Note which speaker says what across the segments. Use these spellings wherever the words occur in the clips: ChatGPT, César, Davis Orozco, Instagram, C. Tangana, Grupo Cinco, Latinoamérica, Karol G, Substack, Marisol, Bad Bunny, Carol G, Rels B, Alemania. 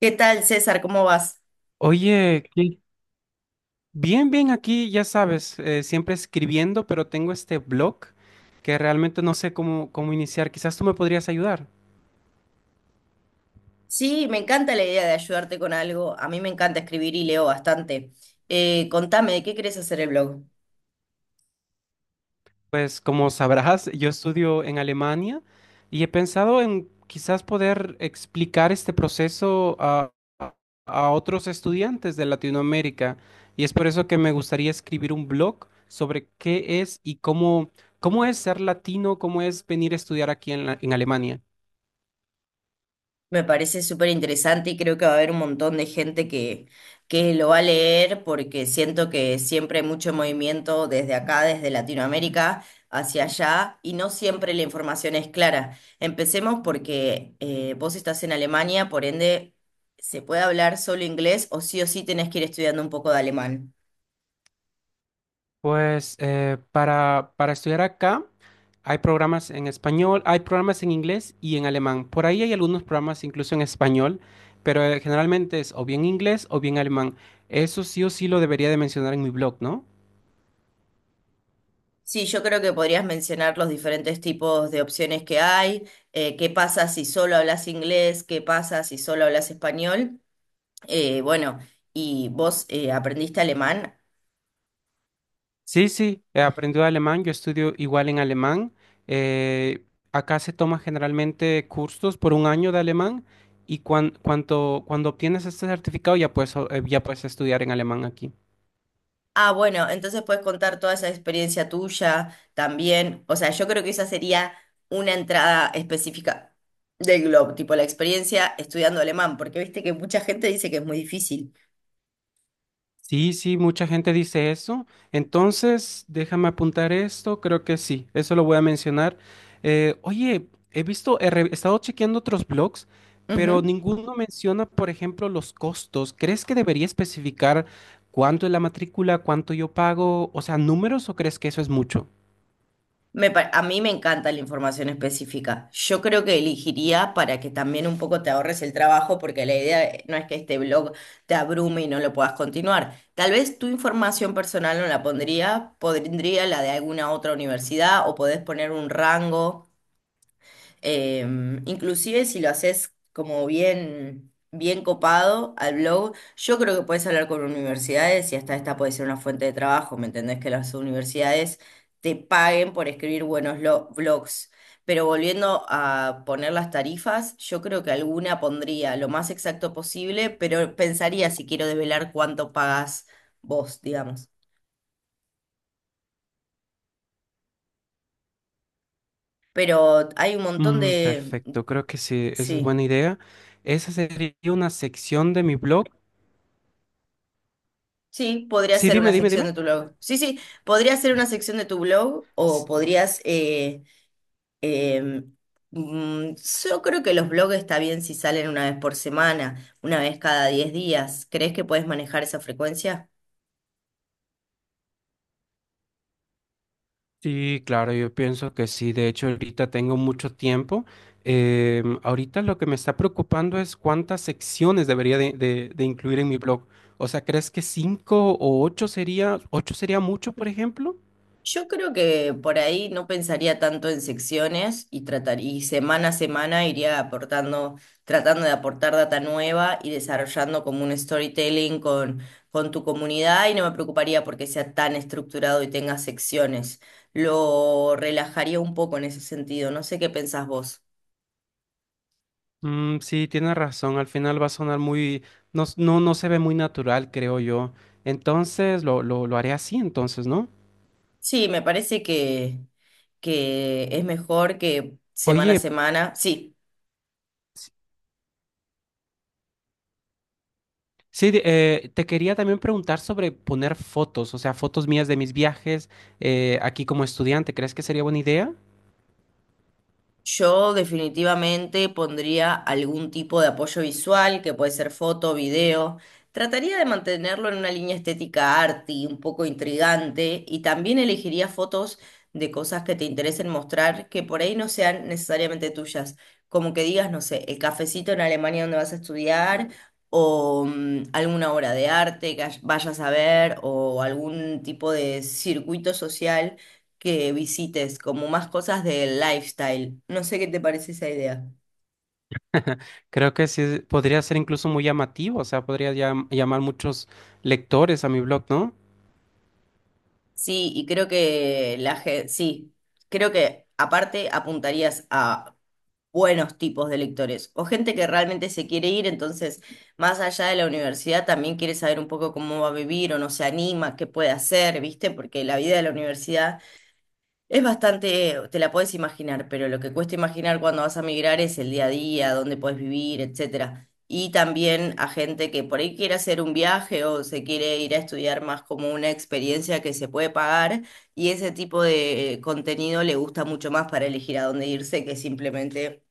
Speaker 1: ¿Qué tal, César? ¿Cómo vas?
Speaker 2: Oye, bien, bien aquí, ya sabes, siempre escribiendo, pero tengo este blog que realmente no sé cómo iniciar. Quizás tú me podrías ayudar.
Speaker 1: Sí, me encanta la idea de ayudarte con algo. A mí me encanta escribir y leo bastante. Contame, ¿de qué querés hacer el blog?
Speaker 2: Pues como sabrás, yo estudio en Alemania y he pensado en quizás poder explicar este proceso a otros estudiantes de Latinoamérica. Y es por eso que me gustaría escribir un blog sobre qué es y cómo es ser latino, cómo es venir a estudiar aquí en en Alemania.
Speaker 1: Me parece súper interesante y creo que va a haber un montón de gente que lo va a leer porque siento que siempre hay mucho movimiento desde acá, desde Latinoamérica hacia allá y no siempre la información es clara. Empecemos porque vos estás en Alemania, por ende, se puede hablar solo inglés o sí tenés que ir estudiando un poco de alemán.
Speaker 2: Pues para estudiar acá hay programas en español, hay programas en inglés y en alemán. Por ahí hay algunos programas incluso en español, pero generalmente es o bien inglés o bien alemán. Eso sí o sí lo debería de mencionar en mi blog, ¿no?
Speaker 1: Sí, yo creo que podrías mencionar los diferentes tipos de opciones que hay, qué pasa si solo hablas inglés, qué pasa si solo hablas español. Eh, bueno, y vos aprendiste alemán.
Speaker 2: Sí, sí, aprendí alemán, yo estudio igual en alemán. eh, Acá se toma generalmente cursos por un año de alemán y cuando obtienes este certificado ya puedes, ya puedes estudiar en alemán aquí.
Speaker 1: Ah, bueno, entonces puedes contar toda esa experiencia tuya también. O sea, yo creo que esa sería una entrada específica del Globo, tipo la experiencia estudiando alemán, porque viste que mucha gente dice que es muy difícil.
Speaker 2: Sí, sí, mucha gente dice eso. Entonces, déjame apuntar esto, creo que sí, eso lo voy a mencionar. Oye, he visto, he estado chequeando otros blogs, pero ninguno menciona, por ejemplo, los costos. ¿Crees que debería especificar cuánto es la matrícula, cuánto yo pago? O sea, ¿números o crees que eso es mucho?
Speaker 1: A mí me encanta la información específica. Yo creo que elegiría para que también un poco te ahorres el trabajo, porque la idea no es que este blog te abrume y no lo puedas continuar. Tal vez tu información personal no la pondría, pondría la de alguna otra universidad o podés poner un rango. Eh, inclusive si lo haces como bien, bien copado al blog, yo creo que puedes hablar con universidades y hasta esta puede ser una fuente de trabajo, ¿me entendés? Que las universidades te paguen por escribir buenos blogs. Pero volviendo a poner las tarifas, yo creo que alguna pondría lo más exacto posible, pero pensaría si quiero desvelar cuánto pagas vos, digamos. Pero hay un montón
Speaker 2: Mm,
Speaker 1: de...
Speaker 2: perfecto, creo que sí, esa es buena
Speaker 1: Sí.
Speaker 2: idea. Esa sería una sección de mi blog.
Speaker 1: Sí, podría
Speaker 2: Sí,
Speaker 1: ser una
Speaker 2: dime, dime,
Speaker 1: sección
Speaker 2: dime.
Speaker 1: de tu blog. Sí, sí, podría ser una sección de tu blog o podrías... em, mm, yo creo que los blogs está bien si salen una vez por semana, una vez cada 10 días. ¿Crees que puedes manejar esa frecuencia?
Speaker 2: Sí, claro, yo pienso que sí. De hecho, ahorita tengo mucho tiempo. Ahorita lo que me está preocupando es cuántas secciones debería de incluir en mi blog. O sea, ¿crees que cinco o ocho sería mucho, por ejemplo?
Speaker 1: Yo creo que por ahí no pensaría tanto en secciones y tratar, y semana a semana iría aportando, tratando de aportar data nueva y desarrollando como un storytelling con tu comunidad y no me preocuparía porque sea tan estructurado y tenga secciones. Lo relajaría un poco en ese sentido. No sé qué pensás vos.
Speaker 2: Mm, sí, tienes razón. Al final va a sonar muy, no, no se ve muy natural, creo yo. Entonces, lo haré así, entonces, ¿no?
Speaker 1: Sí, me parece que es mejor que semana a
Speaker 2: Oye,
Speaker 1: semana. Sí.
Speaker 2: sí, te quería también preguntar sobre poner fotos, o sea, fotos mías de mis viajes aquí como estudiante. ¿Crees que sería buena idea?
Speaker 1: Yo definitivamente pondría algún tipo de apoyo visual, que puede ser foto, video. Trataría de mantenerlo en una línea estética arty, un poco intrigante, y también elegiría fotos de cosas que te interesen mostrar, que por ahí no sean necesariamente tuyas. Como que digas, no sé, el cafecito en Alemania donde vas a estudiar, o alguna obra de arte que vayas a ver, o algún tipo de circuito social que visites, como más cosas del lifestyle. No sé qué te parece esa idea.
Speaker 2: Creo que sí, podría ser incluso muy llamativo, o sea, podría llamar muchos lectores a mi blog, ¿no?
Speaker 1: Sí, y creo que la gente, sí, creo que aparte apuntarías a buenos tipos de lectores o gente que realmente se quiere ir, entonces más allá de la universidad también quiere saber un poco cómo va a vivir o no se anima, qué puede hacer, ¿viste? Porque la vida de la universidad es bastante, te la puedes imaginar, pero lo que cuesta imaginar cuando vas a migrar es el día a día, dónde puedes vivir, etcétera. Y también a gente que por ahí quiere hacer un viaje o se quiere ir a estudiar más como una experiencia que se puede pagar y ese tipo de contenido le gusta mucho más para elegir a dónde irse que simplemente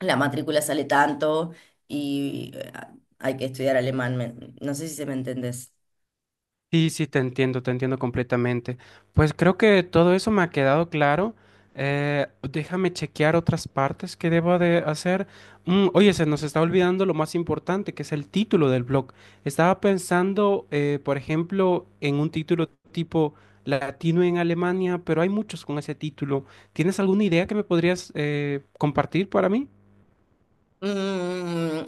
Speaker 1: la matrícula sale tanto y hay que estudiar alemán. No sé si se me entendés.
Speaker 2: Sí, sí, te entiendo completamente. Pues creo que todo eso me ha quedado claro. Déjame chequear otras partes que debo de hacer. Mm, oye, se nos está olvidando lo más importante, que es el título del blog. Estaba pensando, por ejemplo, en un título tipo Latino en Alemania, pero hay muchos con ese título. ¿Tienes alguna idea que me podrías compartir para mí?
Speaker 1: Mm,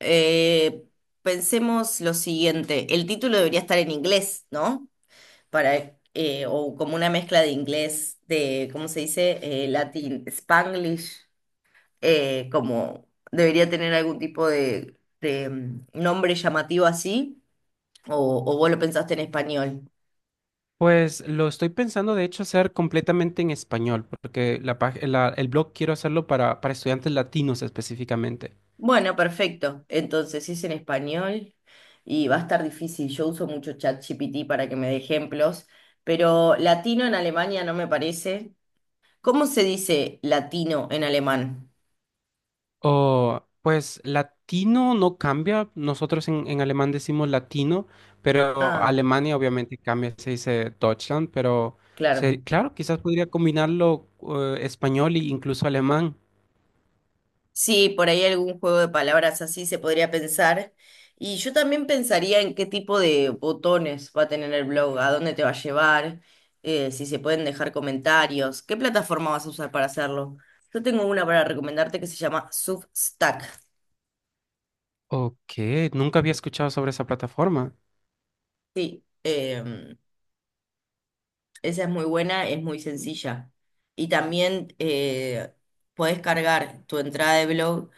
Speaker 1: eh, pensemos lo siguiente, el título debería estar en inglés, ¿no? Para, o como una mezcla de inglés, de, ¿cómo se dice? Latin, Spanglish, como debería tener algún tipo nombre llamativo así, o, o vos lo pensaste en español.
Speaker 2: Pues lo estoy pensando, de hecho, hacer completamente en español, porque el blog quiero hacerlo para estudiantes latinos específicamente.
Speaker 1: Bueno, perfecto. Entonces, si es en español y va a estar difícil. Yo uso mucho ChatGPT para que me dé ejemplos, pero latino en Alemania no me parece. ¿Cómo se dice latino en alemán?
Speaker 2: O, pues latino no cambia, nosotros en alemán decimos latino, pero
Speaker 1: Ah,
Speaker 2: Alemania obviamente cambia, se dice Deutschland, pero
Speaker 1: claro.
Speaker 2: claro, quizás podría combinarlo español e incluso alemán.
Speaker 1: Sí, por ahí algún juego de palabras así se podría pensar. Y yo también pensaría en qué tipo de botones va a tener el blog, a dónde te va a llevar, si se pueden dejar comentarios, qué plataforma vas a usar para hacerlo. Yo tengo una para recomendarte que se llama Substack.
Speaker 2: Ok, nunca había escuchado sobre esa plataforma.
Speaker 1: em, Esa es muy buena, es muy sencilla. Y también podés cargar tu entrada de blog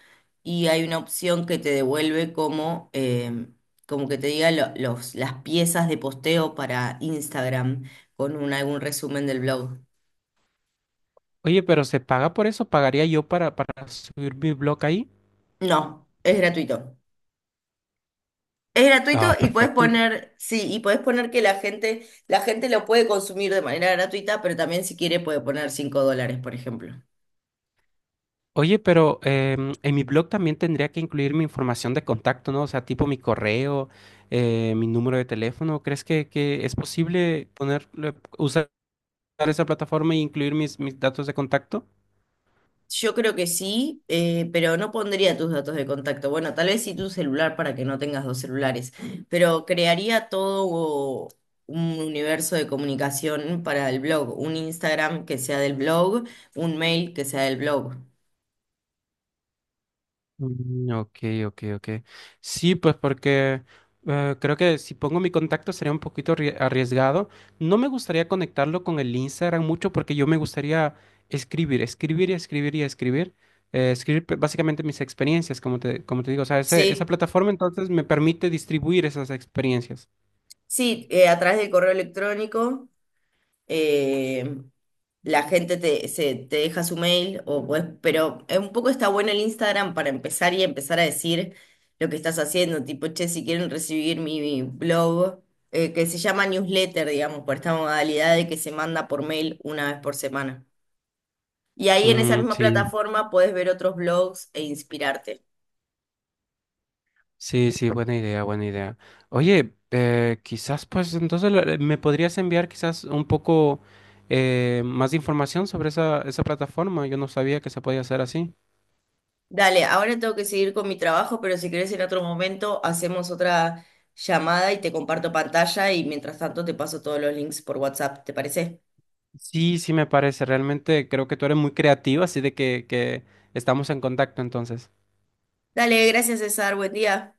Speaker 1: y hay una opción que te devuelve como, como que te diga los, las piezas de posteo para Instagram con algún resumen del blog.
Speaker 2: Oye, pero ¿se paga por eso? ¿Pagaría yo para subir mi blog ahí?
Speaker 1: No, es gratuito. Es gratuito
Speaker 2: Ah,
Speaker 1: y puedes
Speaker 2: perfecto.
Speaker 1: poner, sí, y puedes poner que la gente lo puede consumir de manera gratuita, pero también si quiere puede poner 5 dólares, por ejemplo.
Speaker 2: Oye, pero en mi blog también tendría que incluir mi información de contacto, ¿no? O sea, tipo mi correo, mi número de teléfono. ¿Crees que es posible poner, usar esa plataforma e incluir mis datos de contacto?
Speaker 1: Yo creo que sí, pero no pondría tus datos de contacto. Bueno, tal vez sí tu celular para que no tengas dos celulares, pero crearía todo un universo de comunicación para el blog, un Instagram que sea del blog, un mail que sea del blog.
Speaker 2: Mm, ok, ok, ok. Sí, pues porque creo que si pongo mi contacto sería un poquito arriesgado. No me gustaría conectarlo con el Instagram mucho porque yo me gustaría escribir, escribir y escribir y escribir. Escribir básicamente mis experiencias, como te digo. O sea, esa
Speaker 1: Sí,
Speaker 2: plataforma entonces me permite distribuir esas experiencias.
Speaker 1: sí, a través del correo electrónico. eh, la gente te deja su mail, o pues, pero un poco está bueno el Instagram para empezar y empezar a decir lo que estás haciendo, tipo, che, si quieren recibir mi blog, que se llama newsletter, digamos, por esta modalidad de que se manda por mail una vez por semana. Y ahí en esa
Speaker 2: Mm,
Speaker 1: misma
Speaker 2: sí.
Speaker 1: plataforma podés ver otros blogs e inspirarte.
Speaker 2: Sí, sí, buena idea, buena idea. Oye, quizás pues entonces me podrías enviar quizás un poco más de información sobre esa plataforma. Yo no sabía que se podía hacer así.
Speaker 1: Dale, ahora tengo que seguir con mi trabajo, pero si querés en otro momento hacemos otra llamada y te comparto pantalla y mientras tanto te paso todos los links por WhatsApp, ¿te parece?
Speaker 2: Sí, sí me parece. Realmente creo que tú eres muy creativa, así de que estamos en contacto entonces.
Speaker 1: Dale, gracias César, buen día.